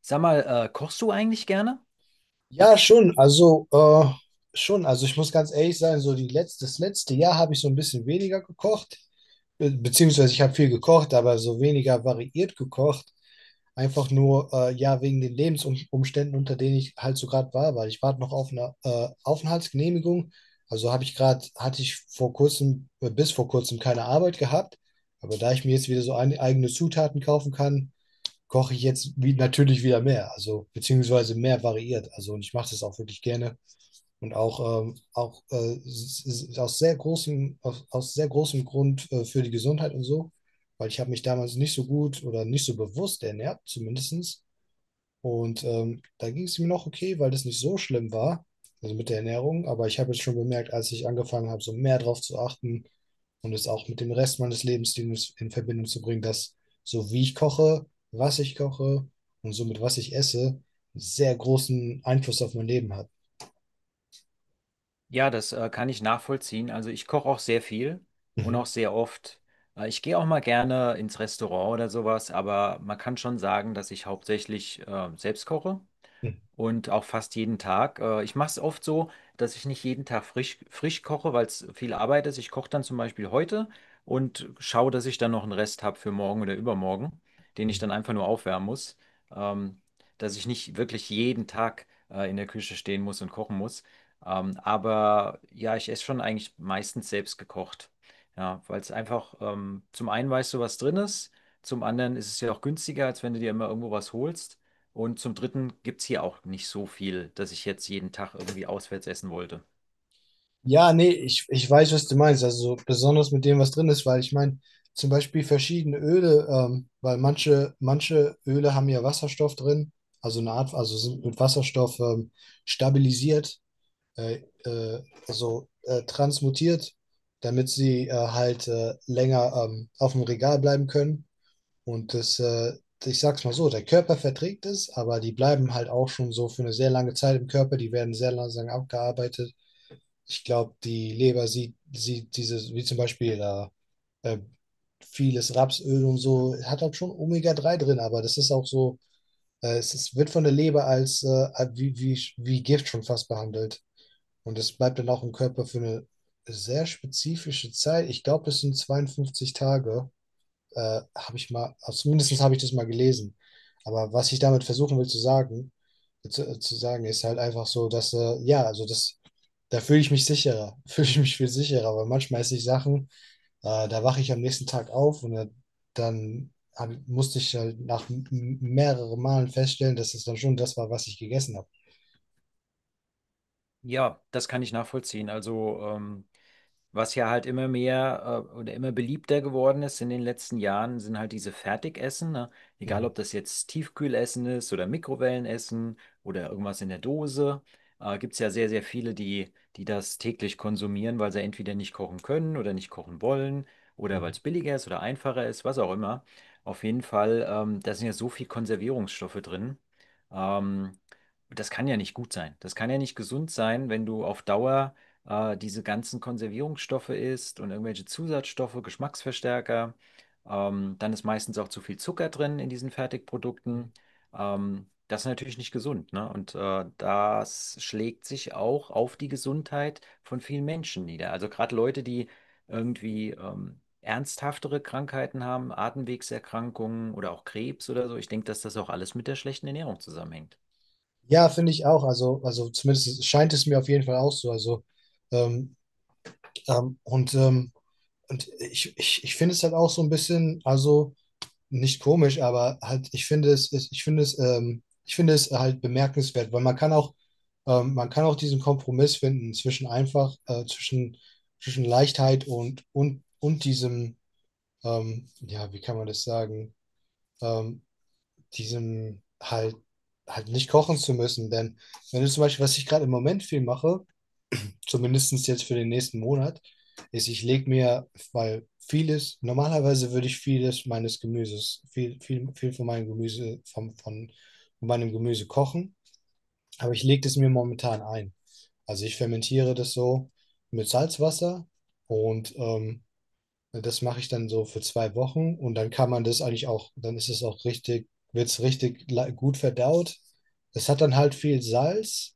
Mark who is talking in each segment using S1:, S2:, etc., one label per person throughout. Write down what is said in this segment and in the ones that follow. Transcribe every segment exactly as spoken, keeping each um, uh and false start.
S1: Sag mal, äh, kochst du eigentlich gerne?
S2: Ja, schon. Also, äh, schon. Also, ich muss ganz ehrlich sein, so die letzte, das letzte Jahr habe ich so ein bisschen weniger gekocht. Be Beziehungsweise, ich habe viel gekocht, aber so weniger variiert gekocht. Einfach nur, äh, ja, wegen den Lebensumständen, unter denen ich halt so gerade war, weil ich warte noch auf eine äh, Aufenthaltsgenehmigung. Also, habe ich gerade, hatte ich vor kurzem, äh, bis vor kurzem keine Arbeit gehabt. Aber da ich mir jetzt wieder so ein, eigene Zutaten kaufen kann, koche ich jetzt wie, natürlich wieder mehr, also beziehungsweise mehr variiert. Also und ich mache das auch wirklich gerne und auch, ähm, auch äh, s- s- aus sehr großem, aus, aus sehr großem Grund äh, für die Gesundheit und so, weil ich habe mich damals nicht so gut oder nicht so bewusst ernährt, zumindest. Und ähm, da ging es mir noch okay, weil das nicht so schlimm war, also mit der Ernährung. Aber ich habe jetzt schon bemerkt, als ich angefangen habe, so mehr drauf zu achten und es auch mit dem Rest meines Lebensstils in Verbindung zu bringen, dass so wie ich koche, was ich koche und somit was ich esse, einen sehr großen Einfluss auf mein Leben hat.
S1: Ja, das äh, kann ich nachvollziehen. Also ich koche auch sehr viel und
S2: Mhm.
S1: auch sehr oft. Äh, ich gehe auch mal gerne ins Restaurant oder sowas, aber man kann schon sagen, dass ich hauptsächlich äh, selbst koche. und auch fast jeden Tag. Äh, ich mache es oft so, dass ich nicht jeden Tag frisch, frisch koche, weil es viel Arbeit ist. Ich koche dann zum Beispiel heute und schaue, dass ich dann noch einen Rest habe für morgen oder übermorgen, den ich
S2: Mhm.
S1: dann einfach nur aufwärmen muss, ähm, dass ich nicht wirklich jeden Tag äh, in der Küche stehen muss und kochen muss. Ähm, aber ja, ich esse schon eigentlich meistens selbst gekocht. Ja, weil es einfach, ähm, zum einen weißt du, was drin ist, zum anderen ist es ja auch günstiger, als wenn du dir immer irgendwo was holst. Und zum Dritten gibt es hier auch nicht so viel, dass ich jetzt jeden Tag irgendwie auswärts essen wollte.
S2: Ja, nee, ich, ich weiß, was du meinst. Also so besonders mit dem, was drin ist, weil ich meine, zum Beispiel verschiedene Öle, ähm, weil manche, manche Öle haben ja Wasserstoff drin, also eine Art, also sind mit Wasserstoff ähm, stabilisiert, äh, äh, also äh, transmutiert, damit sie äh, halt äh, länger ähm, auf dem Regal bleiben können. Und das, äh, ich sag's mal so, der Körper verträgt es, aber die bleiben halt auch schon so für eine sehr lange Zeit im Körper, die werden sehr langsam abgearbeitet. Ich glaube, die Leber sieht, sieht dieses, wie zum Beispiel da, äh, vieles Rapsöl und so, hat halt schon omega drei drin, aber das ist auch so, äh, es ist, wird von der Leber als äh, wie, wie, wie Gift schon fast behandelt. Und es bleibt dann auch im Körper für eine sehr spezifische Zeit. Ich glaube, das sind zweiundfünfzig Tage, äh, habe ich mal, also zumindest habe ich das mal gelesen. Aber was ich damit versuchen will zu sagen, äh, zu, äh, zu sagen, ist halt einfach so, dass, äh, ja, also das da fühle ich mich sicherer, fühle ich mich viel sicherer, weil manchmal esse ich Sachen, äh, da wache ich am nächsten Tag auf und dann dann hab, musste ich halt nach m- mehreren Malen feststellen, dass es dann schon das war, was ich gegessen habe.
S1: Ja, das kann ich nachvollziehen. Also ähm, Was ja halt immer mehr äh, oder immer beliebter geworden ist in den letzten Jahren, sind halt diese Fertigessen. Ne? Egal,
S2: Mhm.
S1: ob das jetzt Tiefkühlessen ist oder Mikrowellenessen oder irgendwas in der Dose. Äh, gibt es ja sehr, sehr viele, die, die das täglich konsumieren, weil sie entweder nicht kochen können oder nicht kochen wollen oder weil
S2: Mhm.
S1: es billiger ist oder einfacher ist, was auch immer. Auf jeden Fall, ähm, da sind ja so viel Konservierungsstoffe drin. Ähm, Das kann ja nicht gut sein. Das kann ja nicht gesund sein, wenn du auf Dauer äh, diese ganzen Konservierungsstoffe isst und irgendwelche Zusatzstoffe, Geschmacksverstärker. Ähm, dann ist meistens auch zu viel Zucker drin in diesen Fertigprodukten.
S2: Mhm.
S1: Ähm, das ist natürlich nicht gesund, ne? Und äh, das schlägt sich auch auf die Gesundheit von vielen Menschen nieder. Also gerade Leute, die irgendwie ähm, ernsthaftere Krankheiten haben, Atemwegserkrankungen oder auch Krebs oder so. Ich denke, dass das auch alles mit der schlechten Ernährung zusammenhängt.
S2: Ja, finde ich auch. Also, also zumindest scheint es mir auf jeden Fall auch so. Also, ähm, ähm, und, ähm, und ich, ich, ich finde es halt auch so ein bisschen, also nicht komisch, aber halt, ich finde es, es- ich finde es, ähm, ich finde es halt bemerkenswert, weil man kann auch, ähm, man kann auch diesen Kompromiss finden zwischen einfach, äh, zwischen, zwischen Leichtheit und, und, und diesem, ähm, ja, wie kann man das sagen, ähm, diesem halt, halt nicht kochen zu müssen. Denn wenn du zum Beispiel, was ich gerade im Moment viel mache, zumindest jetzt für den nächsten Monat, ist, ich lege mir, weil vieles, normalerweise würde ich vieles meines Gemüses, viel, viel, viel von meinem Gemüse, von, von meinem Gemüse kochen, aber ich lege es mir momentan ein. Also ich fermentiere das so mit Salzwasser und ähm, das mache ich dann so für zwei Wochen und dann kann man das eigentlich auch, dann ist es auch richtig, wird es richtig la- gut verdaut. Es hat dann halt viel Salz,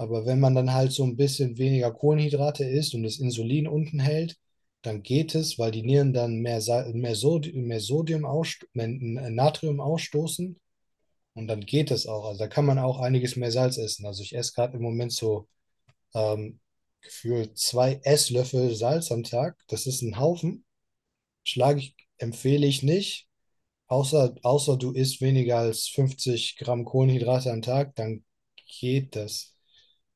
S2: aber wenn man dann halt so ein bisschen weniger Kohlenhydrate isst und das Insulin unten hält, dann geht es, weil die Nieren dann mehr, Sa- mehr, Sod mehr Sodium ausst- mehr äh, Natrium ausstoßen und dann geht es auch. Also da kann man auch einiges mehr Salz essen. Also ich esse gerade im Moment so ähm, gefühlt zwei Esslöffel Salz am Tag. Das ist ein Haufen. Schlage ich, empfehle ich nicht. Außer, außer du isst weniger als fünfzig Gramm Kohlenhydrate am Tag, dann geht das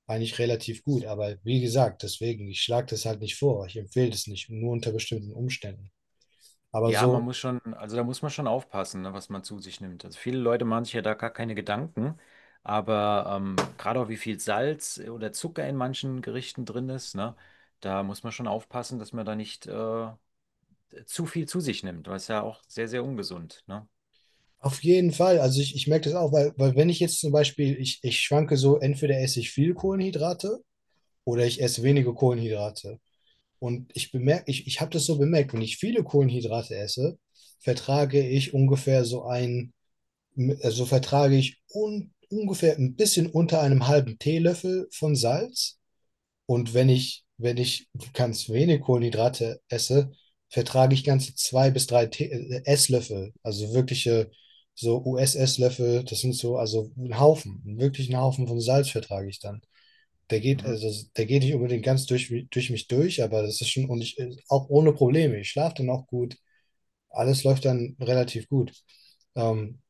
S2: eigentlich relativ gut. Aber wie gesagt, deswegen, ich schlage das halt nicht vor. Ich empfehle das nicht, nur unter bestimmten Umständen. Aber
S1: Ja, man
S2: so
S1: muss schon, also da muss man schon aufpassen, ne, was man zu sich nimmt. Also viele Leute machen sich ja da gar keine Gedanken, aber ähm, gerade auch wie viel Salz äh, oder Zucker in manchen Gerichten drin ist, ne, da muss man schon aufpassen, dass man da nicht äh, zu viel zu sich nimmt, weil es ja auch sehr, sehr ungesund, ne?
S2: auf jeden Fall. Also ich, ich merke das auch, weil, weil wenn ich jetzt zum Beispiel, ich, ich schwanke so, entweder esse ich viel Kohlenhydrate oder ich esse wenige Kohlenhydrate. Und ich bemerke, ich, ich habe das so bemerkt, wenn ich viele Kohlenhydrate esse, vertrage ich ungefähr so ein so vertrage ich un, ungefähr ein bisschen unter einem halben Teelöffel von Salz. Und wenn ich, wenn ich ganz wenig Kohlenhydrate esse, vertrage ich ganze zwei bis drei Tee, äh, Esslöffel, also wirkliche so U S-Esslöffel, das sind so, also ein Haufen, wirklich einen Haufen von Salz vertrage ich dann. Der geht,
S1: Mhm.
S2: also der geht nicht unbedingt ganz durch, durch mich durch, aber das ist schon, und ich, äh, auch ohne Probleme. Ich schlafe dann auch gut. Alles läuft dann relativ gut. Ähm,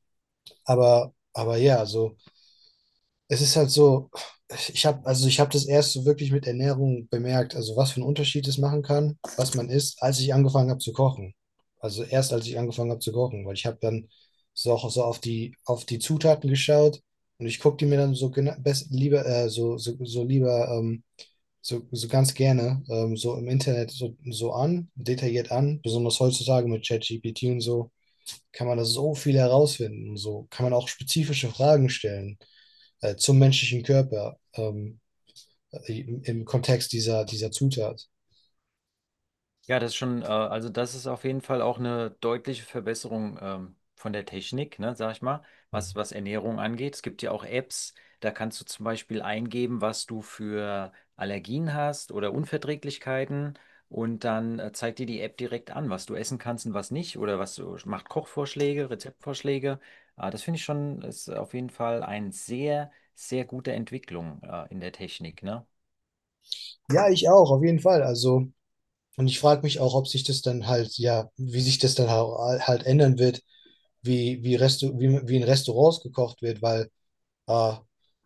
S2: aber, aber ja, so, es ist halt so, ich habe, also ich habe das erst so wirklich mit Ernährung bemerkt, also was für einen Unterschied es machen kann, was man isst, als ich angefangen habe zu kochen. Also erst als ich angefangen habe zu kochen, weil ich habe dann so auch so auf die, auf die Zutaten geschaut und ich gucke die mir dann so gena- best, lieber, äh, so, so, so lieber, ähm, so, so ganz gerne, ähm, so im Internet so, so an, detailliert an, besonders heutzutage mit ChatGPT und so kann man da so viel herausfinden. So kann man auch spezifische Fragen stellen äh, zum menschlichen Körper, ähm, äh, im, im Kontext dieser, dieser Zutat.
S1: Ja, das ist schon, äh, also das ist auf jeden Fall auch eine deutliche Verbesserung ähm, von der Technik, ne, sag ich mal, was,
S2: Mhm.
S1: was Ernährung angeht. Es gibt ja auch Apps, da kannst du zum Beispiel eingeben, was du für Allergien hast oder Unverträglichkeiten und dann äh, zeigt dir die App direkt an, was du essen kannst und was nicht oder was du, macht Kochvorschläge, Rezeptvorschläge. Äh, das finde ich schon, ist auf jeden Fall eine sehr, sehr gute Entwicklung äh, in der Technik, ne?
S2: Ja, ich auch, auf jeden Fall. Also, und ich frage mich auch, ob sich das dann halt, ja, wie sich das dann hau- halt ändern wird, wie, wie, Restu wie, wie in Restaurants gekocht wird, weil äh,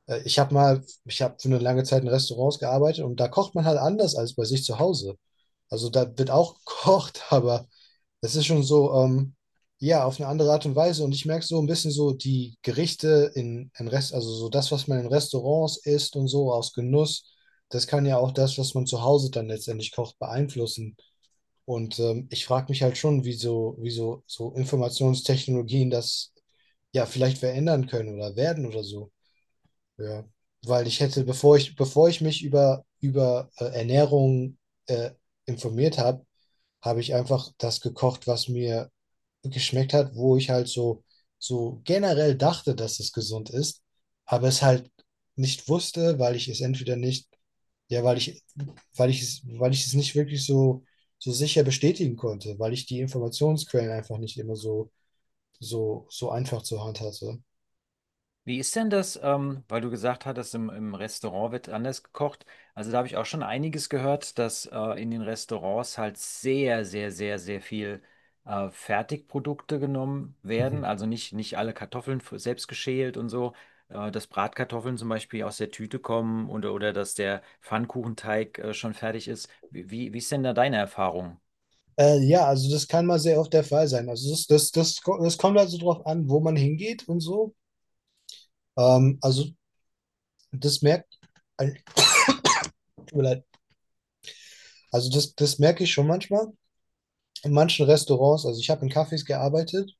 S2: äh, ich habe mal, ich habe für eine lange Zeit in Restaurants gearbeitet und da kocht man halt anders als bei sich zu Hause. Also da wird auch gekocht, aber es ist schon so, ähm, ja, auf eine andere Art und Weise. Und ich merke so ein bisschen so die Gerichte in, in Rest, also so das, was man in Restaurants isst und so aus Genuss, das kann ja auch das, was man zu Hause dann letztendlich kocht, beeinflussen. Und ähm, ich frage mich halt schon, wie so, wie so, so Informationstechnologien das ja vielleicht verändern können oder werden oder so. Ja. Weil ich hätte, bevor ich, bevor ich mich über, über äh, Ernährung äh, informiert habe, habe ich einfach das gekocht, was mir geschmeckt hat, wo ich halt so, so generell dachte, dass es gesund ist, aber es halt nicht wusste, weil ich es entweder nicht, ja, weil ich, weil ich es, weil ich es nicht wirklich so, so sicher bestätigen konnte, weil ich die Informationsquellen einfach nicht immer so, so, so einfach zur Hand hatte.
S1: Wie ist denn das, ähm, weil du gesagt hattest, im, im Restaurant wird anders gekocht. Also da habe ich auch schon einiges gehört, dass äh, in den Restaurants halt sehr, sehr, sehr, sehr viel äh, Fertigprodukte genommen werden.
S2: Mhm.
S1: Also nicht, nicht alle Kartoffeln f- selbst geschält und so. Äh, dass Bratkartoffeln zum Beispiel aus der Tüte kommen oder, oder dass der Pfannkuchenteig äh, schon fertig ist. Wie, wie, wie ist denn da deine Erfahrung?
S2: Äh, ja, also das kann mal sehr oft der Fall sein. Also das, das, das, ko- das kommt also drauf an, wo man hingeht und so. Ähm, also das merkt, äh, tut mir leid. Also das, das merke ich schon manchmal, in manchen Restaurants, also ich habe in Cafés gearbeitet,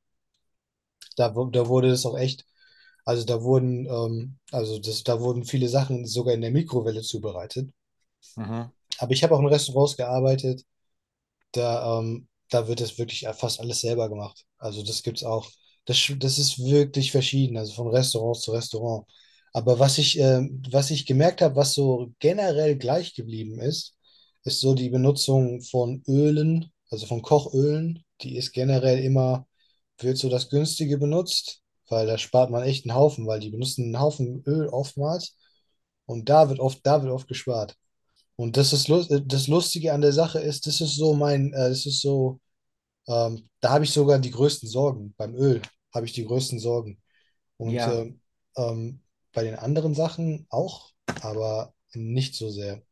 S2: da, wu- da wurde es auch echt, also da wurden, ähm, also das, da wurden viele Sachen sogar in der Mikrowelle zubereitet.
S1: Mhm.
S2: Aber ich habe auch in Restaurants gearbeitet, da, ähm, da wird das wirklich fast alles selber gemacht. Also das gibt's auch. Das, sch- das ist wirklich verschieden, also von Restaurant zu Restaurant. Aber was ich, ähm, was ich gemerkt habe, was so generell gleich geblieben ist, ist so die Benutzung von Ölen, also von Kochölen. Die ist generell immer, wird so das Günstige benutzt, weil da spart man echt einen Haufen, weil die benutzen einen Haufen Öl oftmals und da wird oft, da wird oft gespart. Und das ist lust das Lustige an der Sache ist, das ist so mein, äh, das ist so, ähm, da habe ich sogar die größten Sorgen. Beim Öl habe ich die größten Sorgen. Und
S1: Ja.
S2: ähm, ähm, Bei den anderen Sachen auch, aber nicht so sehr.